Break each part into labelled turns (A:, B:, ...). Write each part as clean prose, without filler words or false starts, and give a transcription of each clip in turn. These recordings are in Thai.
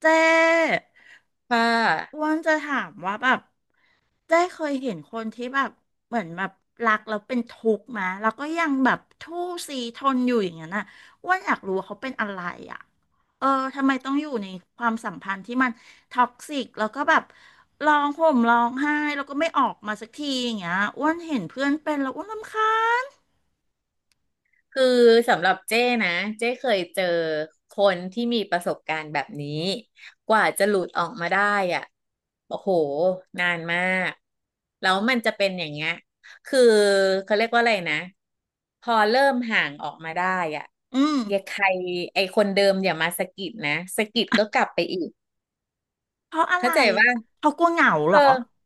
A: เจ๊อ้
B: ค่ะ
A: วันจะถามว่าแบบเจ๊เคยเห็นคนที่แบบเหมือนแบบรักแล้วเป็นทุกข์มาแล้วก็ยังแบบทู่ซีทนอยู่อย่างนั้นน่ะอ้วันอยากรู้ว่าเขาเป็นอะไรอ่ะเออทำไมต้องอยู่ในความสัมพันธ์ที่มันท็อกซิกแล้วก็แบบร้องห่มร้องไห้แล้วก็ไม่ออกมาสักทีอย่างเงี้ยอ้วนเห็นเพื่อนเป็นแล้วอ้วนรำคาญ
B: คือสำหรับเจ้นะ เจ้เคยเจอคนที่มีประสบการณ์แบบนี้ กว่าจะหลุดออกมาได้อ่ะโอ้โห นานมาก แล้วมันจะเป็นอย่างเงี้ยคือเขาเรียกว่าอะไรนะ พอเริ่มห่างออกมาได้อ่ะ
A: อืม
B: อย่าใครไอคนเดิมอย่ามาสะกิดนะสะกิดก็กลับไปอีก
A: เพราะอะไร
B: เข้าใจว่า
A: เขากลัวเหงาเห
B: เอ
A: รอ
B: อ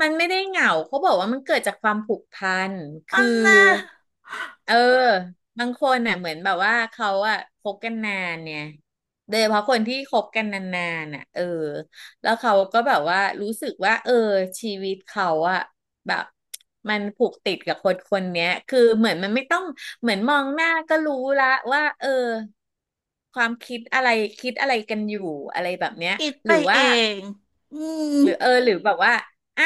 B: มันไม่ได้เหงาเขาบอกว่ามันเกิดจากความผูกพัน
A: อั
B: คือ
A: นน่ะ
B: เออ บางคนน่ะเหมือนแบบว่าเขาอะคบกันนานเนี่ยโดยเฉพาะคนที่คบกันนานๆน่ะเออแล้วเขาก็แบบว่ารู้สึกว่าเออชีวิตเขาอะแบบมันผูกติดกับคนคนเนี้ยคือเหมือนมันไม่ต้องเหมือนมองหน้าก็รู้ละว่าเออความคิดอะไรคิดอะไรกันอยู่อะไรแบบเนี้ย
A: คิด
B: ห
A: ไป
B: รือ
A: เอ
B: ว่า
A: ง อืม
B: หรือเออหรือแบบว่าอ่ะ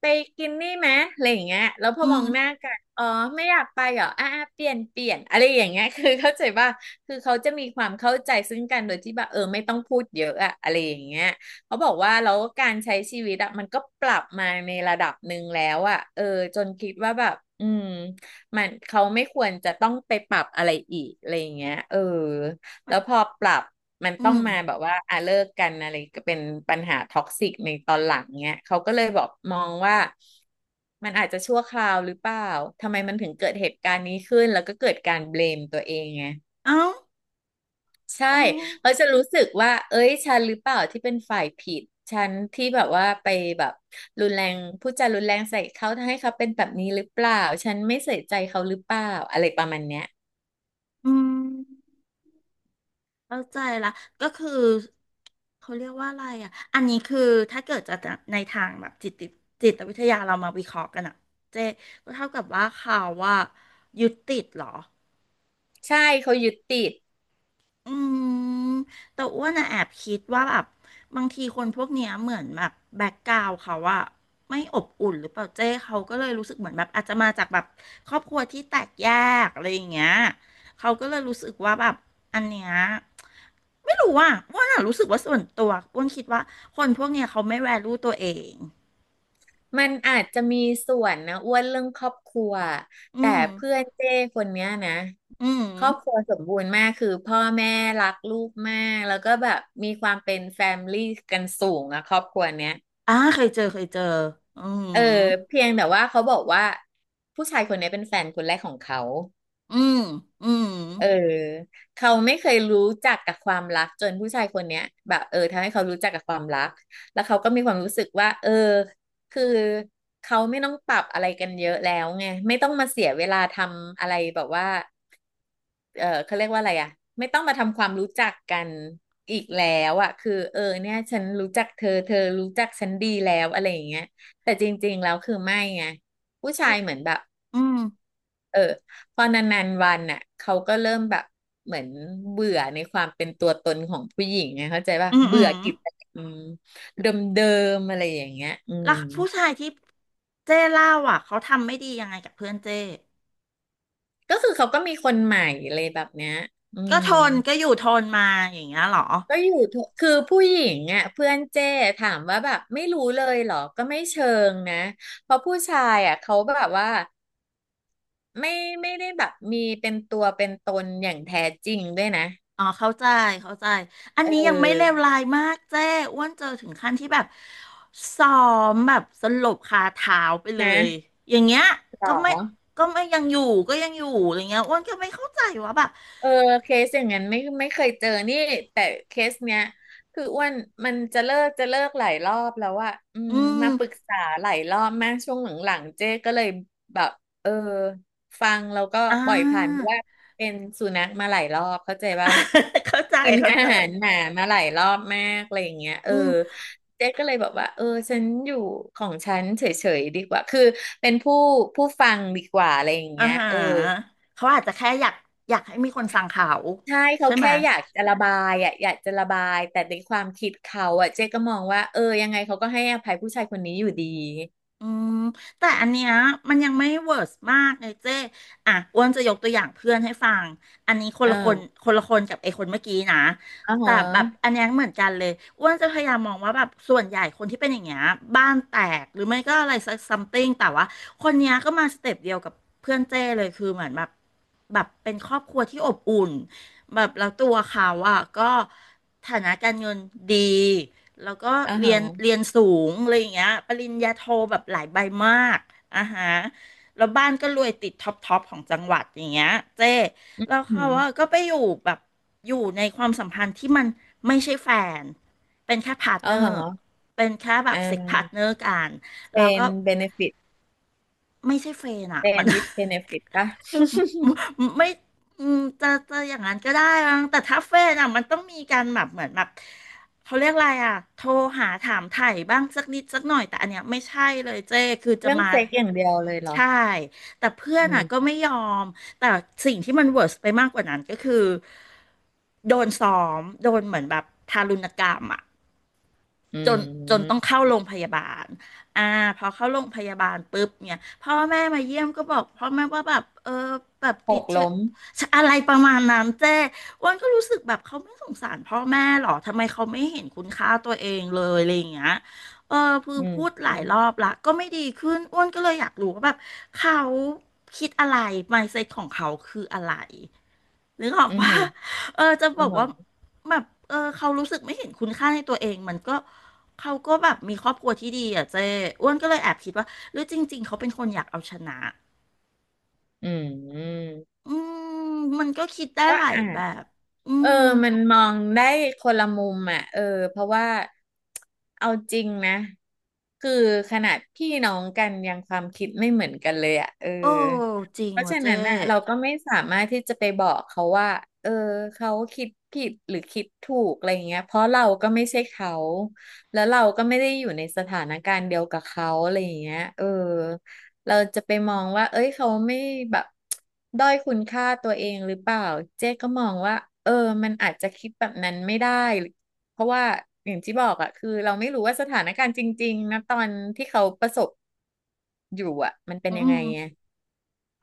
B: ไปกินนี่ไหมอะไรอย่างเงี้ยแล้วพอ
A: อื
B: มอ
A: ม
B: งหน้ากันอ๋อไม่อยากไปเหรออ่ะอ่ะเปลี่ยนอะไรอย่างเงี้ย คือเข้าใจว่าคือเขาจะมีความเข้าใจซึ่งกันโดยที่แบบเออไม่ต้องพูดเยอะอะอะไรอย่างเงี้ยเขาบอกว่าแล้วการใช้ชีวิตอะมันก็ปรับมาในระดับหนึ่งแล้วอะเออจนคิดว่าแบบอืมมันเขาไม่ควรจะต้องไปปรับอะไรอีกอะไรอย่างเงี้ยเออ
A: ไป
B: แล้วพอปรับมัน
A: อื
B: ต้อง
A: ม
B: มาแบบว่าอ่ะเลิกกันอะไรก็เป็นปัญหาท็อกซิกในตอนหลังเนี้ยเขาก็เลยบอกมองว่ามันอาจจะชั่วคราวหรือเปล่าทำไมมันถึงเกิดเหตุการณ์นี้ขึ้นแล้วก็เกิดการเบลมตัวเองไง
A: เอ้า
B: ใช่
A: อ๋อ
B: เขาจะรู้สึกว่าเอ้ยฉันหรือเปล่าที่เป็นฝ่ายผิดฉันที่แบบว่าไปแบบรุนแรงพูดจารุนแรงใส่เขาทำให้เขาเป็นแบบนี้หรือเปล่าฉันไม่ใส่ใจเขาหรือเปล่าอะไรประมาณเนี้ย
A: อืมเข้าใจละก็คือเขาเรียกว่าอะไรอ่ะอันนี้คือถ้าเกิดจะในทางแบบจิตวิทยาเรามาวิเคราะห์กันอ่ะเจ๊ก็เท่ากับว่าเขาว่ายึดติดเหรอ
B: ใช่เขายึดติด
A: อืมแต่อ้วนอะแอบคิดว่าแบบบางทีคนพวกเนี้ยเหมือนแบบแบ็กกราวเขาอะไม่อบอุ่นหรือเปล่าเจ้เขาก็เลยรู้สึกเหมือนแบบอาจจะมาจากแบบครอบครัวที่แตกแยกอะไรอย่างเงี้ยเขาก็เลยรู้สึกว่าแบบอันเนี้ยไม่รู้ว่าอ้วนอะรู้สึกว่าส่วนตัวอ้วนคิดว่าคนพวกเนี้ยเขาไม่แวลูตัวเอง
B: มันอาจจะมีส่วนนะอ้วนเรื่องครอบครัว
A: อื
B: แต่
A: ม
B: เพื่อนเจ้คนเนี้ยนะ
A: อืม
B: ครอบครัวสมบูรณ์มากคือพ่อแม่รักลูกมากแล้วก็แบบมีความเป็นแฟมลี่กันสูงอะครอบครัวเนี้ย
A: อ่าเคยเจออืม
B: เออเพียงแต่ว่าเขาบอกว่าผู้ชายคนนี้เป็นแฟนคนแรกของเขา
A: อืมอืม
B: เออเขาไม่เคยรู้จักกับความรักจนผู้ชายคนเนี้ยแบบเออทำให้เขารู้จักกับความรักแล้วเขาก็มีความรู้สึกว่าเออคือเขาไม่ต้องปรับอะไรกันเยอะแล้วไงไม่ต้องมาเสียเวลาทำอะไรแบบว่าเออเขาเรียกว่าอะไรอ่ะไม่ต้องมาทำความรู้จักกันอีกแล้วอ่ะคือเออเนี่ยฉันรู้จักเธอเธอรู้จักฉันดีแล้วอะไรอย่างเงี้ยแต่จริงๆแล้วคือไม่ไงผู้ชายเหมือนแบบ
A: อืม
B: เออพอนานๆวันน่ะเขาก็เริ่มแบบเหมือนเบื่อในความเป็นตัวตนของผู้หญิงไงเข้าใจป่ะ
A: อืมอื
B: เบื่อ
A: ม
B: กิจกรรมเดิมๆอะไรอย่างเงี้ยอื
A: แล้
B: ม
A: วผู้ชายที่เจ้เล่าอ่ะเขาทำไม่ดียังไงกับเพื่อนเจ้
B: ก็คือเขาก็มีคนใหม่อะไรแบบเนี้ยอื
A: ก็
B: ม
A: ทนก็อยู่ทนมาอย่างเงี้ยเหรอ
B: ก็อยู่ทุกคือผู้หญิงอ่ะเพื่อนเจ้ถามว่าแบบไม่รู้เลยเหรอก็ไม่เชิงนะเพราะผู้ชายอ่ะเขาแบบว่าไม่ไม่ได้แบบมีเป็นตัวเป็นตนอย่างแท้จริงด้วยนะ
A: อ๋อเข้าใจอัน
B: เ
A: นี้ยังไม่เลว
B: ออ
A: ร้ายมากเจ้อ้วนเจอถึงขั้นที่แบบซ้อมแบบสลบคาเท้าไปเลย
B: นะ
A: อย่างเงี้ย
B: หร
A: ก็ไม่
B: อ
A: ก็ไม่ยังอยู่ก็ยังอยู่อะไรเงี้ยอ้วนก็ไม่เข้าใจว่าแบบ
B: เออเคสอย่างนั้นไม่เคยเจอนี่แต่เคสเนี้ยคืออ้วนมันจะเลิกหลายรอบแล้วอะอื
A: อื
B: ม
A: ม
B: มาปรึกษาหลายรอบมากช่วงหลังๆเจ๊ก็เลยแบบเออฟังแล้วก็
A: อ่
B: ปล่อยผ่านเพ
A: า
B: ราะว่าเป็นสุนัขมาหลายรอบเข้าใจปะ
A: เข้าใจ
B: กิน
A: เข้า
B: อา
A: ใจ
B: หารหนามาหลายรอบมากอะไรอย่างเงี้ยเอ
A: อื
B: อ
A: ม
B: เจ๊ก็เลยบอกว่าเออฉันอยู่ของฉันเฉยๆดีกว่าคือเป็นผู้ฟังดีกว่าอะไรอย่าง
A: อ่า
B: เงี้ย
A: ฮะ
B: เออ
A: เขาอาจจะแค่อยากอยากให้มีคนฟังเขา
B: ใช่เขา
A: ใช่ไหม
B: แค่อยากจะระบายอ่ะอยากจะระบายแต่ในความคิดเขาอ่ะเจ๊ก็มองว่าเออยังไงเขาก็ให้อภัยผู้ชายคนนี้อยู่ดี
A: อืมแต่อันเนี้ยมันยังไม่เวิร์สมากเลยเจ้อ่ะอ้วนจะยกตัวอย่างเพื่อนให้ฟังอันนี้คนละคน
B: อ่า
A: คนละคนกับไอ้คนเมื่อกี้นะ
B: อ่าฮ
A: แต่แบบ
B: ะ
A: อันเนี้ยเหมือนกันเลยอ้วนจะพยายามมองว่าแบบส่วนใหญ่คนที่เป็นอย่างเงี้ยบ้านแตกหรือไม่ก็อะไรสักซัมติงแต่ว่าคนเนี้ยก็มาสเต็ปเดียวกับเพื่อนเจ้เลยคือเหมือนแบบแบบเป็นครอบครัวที่อบอุ่นแบบแล้วตัวเขาอ่ะก็ฐานะการเงินดี แล้วก็
B: อ่า
A: เรี
B: ฮะ
A: ยนเรียนสูงอะไรอย่างเงี้ยปริญญาโทแบบหลายใบมากอ่าฮะแล้วบ้านก็รวยติดท็อปของจังหวัดอย่างเงี้ยเจ้แล้ว
B: อื
A: เขาว่า
B: ม
A: ก็ไปอยู่แบบอยู่ในความสัมพันธ์ที่มันไม่ใช่แฟนเป็นแค่พาร์ท
B: อ่า
A: เนอร์
B: ฮะ
A: เป็นแค่แบ
B: อ่
A: บเซ็กพาร์ทเนอ
B: า
A: ร์กันแล้
B: เป็
A: ว
B: น
A: ก็
B: เบเนฟิต
A: ไม่ใช่เฟนอะ
B: เป็
A: มั
B: น
A: น
B: วิ h เบเนฟิตป่ะ
A: ไม่อืมจะอย่างนั้นก็ได้มั้งแต่ถ้าเฟนอ่ะมันต้องมีการแบบเหมือนแบบเขาเรียกอะไรอ่ะโทรหาถามไถ่บ้างสักนิดสักหน่อยแต่อันเนี้ยไม่ใช่เลยเจ้คือ จะ
B: เรื่อง
A: มา
B: เซ็กอย่างเดียวเลยเหรอ
A: ใช่แต่เพื่อน
B: อื
A: อ่ะ
B: ม
A: ก็ไม่ยอมแต่สิ่งที่มันเวิร์สไปมากกว่านั้นก็คือโดนซ้อมโดนเหมือนแบบทารุณกรรมอ่ะ
B: อื
A: จนจนต้
B: ม
A: องเข้าโรงพยาบาล อ่าพอเข้าโรงพยาบาลปุ๊บเนี่ยพ่อแม่มาเยี่ยมก็บอกพ่อแม่ว่าแบบเออแบบ
B: ห
A: ติด
B: ก
A: เชื้อ
B: ล้ม
A: อะไรประมาณนั้นเจ้อ้วันก็รู้สึกแบบเขาไม่สงสารพ่อแม่หรอทำไมเขาไม่เห็นคุณค่าตัวเองเลยอะไรอย่างเงี้ยเออคือ
B: อืม
A: พูดห
B: อื
A: ลาย
B: ม
A: รอบละก็ไม่ดีขึ้นอ้วนก็เลยอยากรู้ว่าแบบเขาคิดอะไร mindset ของเขาคืออะไร นึกออก
B: อ
A: ปะ
B: หื ม
A: เออจะ
B: อ
A: บ
B: อ่า
A: อก
B: ฮ
A: ว่า
B: ะ
A: แบบเออเขารู้สึกไม่เห็นคุณค่าในตัวเองมันก็เขาก็แบบมีครอบครัวที่ดีอ่ะเจ้อ้วนก็เลยแอบคิดว่าหรือจริงๆเขาเป็นคนอยากเอาชนะ
B: อืม
A: อืมมันก็คิดได้
B: ก็
A: หลาย
B: อ่า
A: แบ
B: น
A: บอื
B: เออ
A: ม
B: มันมองได้คนละมุมอ่ะเออเพราะว่าเอาจริงนะคือขนาดพี่น้องกันยังความคิดไม่เหมือนกันเลยอ่ะเออ
A: โอ้จริง
B: เพราะ
A: ว่ะ
B: ฉะ
A: เจ้
B: นั้นอ่ะเราก็ไม่สามารถที่จะไปบอกเขาว่าเออเขาคิดผิดหรือคิดถูกอะไรเงี้ยเพราะเราก็ไม่ใช่เขาแล้วเราก็ไม่ได้อยู่ในสถานการณ์เดียวกับเขาอะไรอย่างเงี้ยเออ เราจะไปมองว่า เอ้ย เขาไม่แบบ ด้อยคุณค่าตัวเองหรือเปล่า เจ๊ก็มองว่า เออ มันอาจจะคิดแบบนั้นไม่ได้ เพราะว่าอย่างที่บอกอะคือเราไม่รู้ว่าสถานการณ์จริงๆนะตอนที่เขาประสบอยู่อะมันเป็น
A: อื
B: ยังไง
A: ม
B: ไง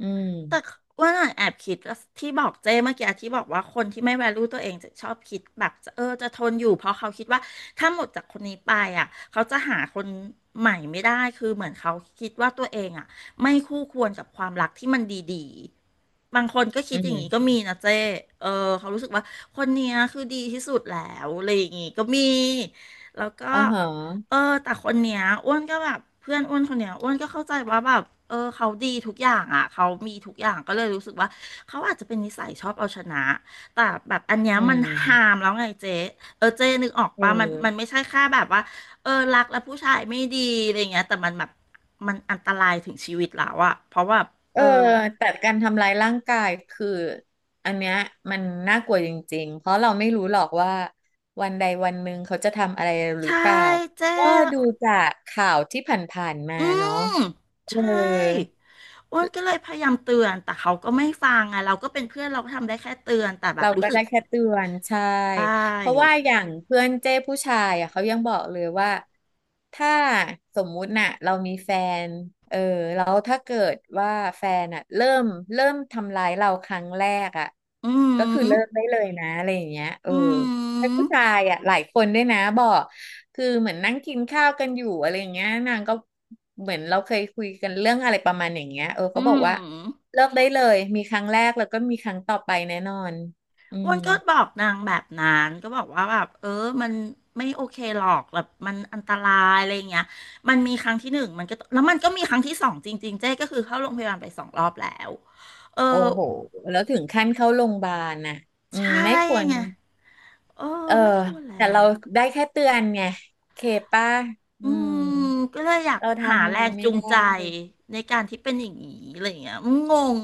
B: อืม
A: แต่ว่าน่ะแอบคิดว่าที่บอกเจ้เมื่อกี้ที่บอกว่าคนที่ไม่ value ตัวเองจะชอบคิดแบบจะทนอยู่เพราะเขาคิดว่าถ้าหมดจากคนนี้ไปอ่ะเขาจะหาคนใหม่ไม่ได้คือเหมือนเขาคิดว่าตัวเองอ่ะไม่คู่ควรกับความรักที่มันดีๆบางคนก็คิ
B: อื
A: ดอย่าง
B: ม
A: นี้ก็มีนะเจ้เออเขารู้สึกว่าคนเนี้ยคือดีที่สุดแล้วอะไรอย่างงี้ก็มีแล้วก็
B: อ๋อฮะ
A: เออแต่คนเนี้ยอ้วนก็แบบเพื่อนอ้วนคนเนี้ยอ้วนก็เข้าใจว่าแบบเออเขาดีทุกอย่างอ่ะเขามีทุกอย่างก็เลยรู้สึกว่าเขาอาจจะเป็นนิสัยชอบเอาชนะแต่แบบอันเนี้ย
B: อื
A: มันหา
B: ม
A: มแล้วไงเจ๊เออเจ๊นึกออก
B: เอ
A: ปะมันมั
B: อ
A: นไม่ใช่แค่แบบว่าเออรักแล้วผู้ชายไม่ดีอะไรเงี้ยแต่มันแบบมันอันตรายถึงชีวิตแล้วอ่ะเพราะว่า
B: เอ
A: เอ
B: อ
A: อ
B: แต่การทำร้ายร่างกายคืออันเนี้ยมันน่ากลัวจริงๆเพราะเราไม่รู้หรอกว่าวันใดวันหนึ่งเขาจะทำอะไรหรือ
A: ใช่
B: เปล่า
A: เจ๊
B: ก็ดูจากข่าวที่ผ่านๆมา
A: อื
B: เนาะ
A: ม
B: เอ
A: ใช
B: อ
A: ่ อ้วนก็เลยพยายามเตือนแต่เขาก็ไม่ฟังอ่ะเราก็เป็นเพื่อนเราก็ทำได้แค่เตือนแต่แบ
B: เรา
A: บรู้
B: ก็
A: สึ
B: ได้
A: ก
B: แค่
A: แบบ
B: เตือนใช่
A: ใช่
B: เพราะว่าอย่างเพื่อนเจ้ผู้ชายอ่ะเขายังบอกเลยว่าถ้าสมมุติน่ะเรามีแฟนเออแล้วถ้าเกิดว่าแฟนอ่ะเริ่มทำร้ายเราครั้งแรกอ่ะ
A: อื
B: ก็คือ
A: ม
B: เลิกได้เลยนะอะไรอย่างเงี้ยเออ
A: อื
B: เป็นผู้
A: ม
B: ชายอ่ะหลายคนด้วยนะบอกคือเหมือนนั่งกินข้าวกันอยู่อะไรอย่างเงี้ยนางก็เหมือนเราเคยคุยกันเรื่องอะไรประมาณอย่างเงี้ยเออ
A: อื
B: เขาบอกว่า
A: ม
B: เลิกได้เลยมีครั้งแรกแล้วก็มีครั้งต่อไปแน่นอน อื
A: อ้ว
B: ม
A: นก็บอกนางแบบนั้นก็บอกว่าแบบเออมันไม่โอเคหรอกแบบมันอันตรายอะไรอย่างเงี้ยมันมีครั้งที่หนึ่งมันก็แล้วมันก็มีครั้งที่สองจริงๆเจ๊ก็คือเข้าโรงพยาบาลไปสองรอบแล้วเออ
B: โอ้โหแล้วถึงขั้นเข้าโรงพยาบาลน่ะอืม
A: ใช่
B: ไม่ควร
A: ไงเออ
B: เออ
A: ไม่ควร
B: แต่
A: แล้ว
B: เราได้แค่เตือนไงเคป้าอื
A: อื
B: ม
A: มก็เลยอยาก
B: เรา
A: หา
B: ทำอะ
A: แร
B: ไร
A: ง
B: ไม่
A: จูง
B: ได้
A: ใจในการที่เป็นอย่างนี้อะไรอย่างเงี้ยอืมงง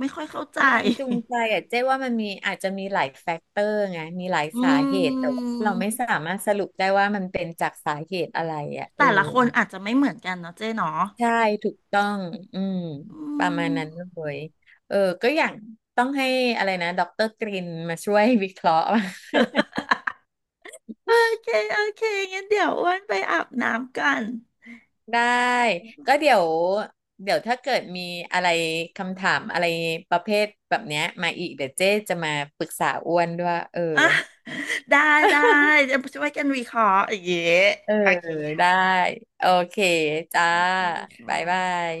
A: ไม่ค่อยเข้าใจ
B: แรงจูงใจอ่ะเจ๊ว่ามันมีอาจจะมีหลายแฟกเตอร์ไงมีหลาย
A: อื
B: สาเหตุแต่ว่า
A: ม
B: เราไม่สามารถสรุปได้ว่ามันเป็นจากสาเหตุอะไรอ่ะเออ
A: แต่ละคนอาจจะไม่เหมือนกันเนาะเจ๊เนาะ
B: ใช่ถูกต้องอืม
A: อื
B: ประมาณ
A: ม
B: นั้นเลยเออก็อย่างต้องให้อะไรนะดรกรินมาช่วยวิเคราะห์
A: โอเค โอเคงั้นเดี๋ยวอ้วนไปอาบน้ำกัน
B: ได้ก็เดี๋ยวเดี๋ยวถ้าเกิดมีอะไรคำถามอะไรประเภทแบบเนี้ยมาอีกเดี๋ยวเจ๊จะมาปรึกษาอ้วนด้วยเออ
A: อ่ะ ได้ได้ จะช่วยกันวิเคราะห์อย่างเงี้ย
B: เออ
A: โอเค
B: ได้
A: ค่ะ
B: โอเคจ้า
A: ได้ค่
B: บ๊ายบา
A: ะ
B: ย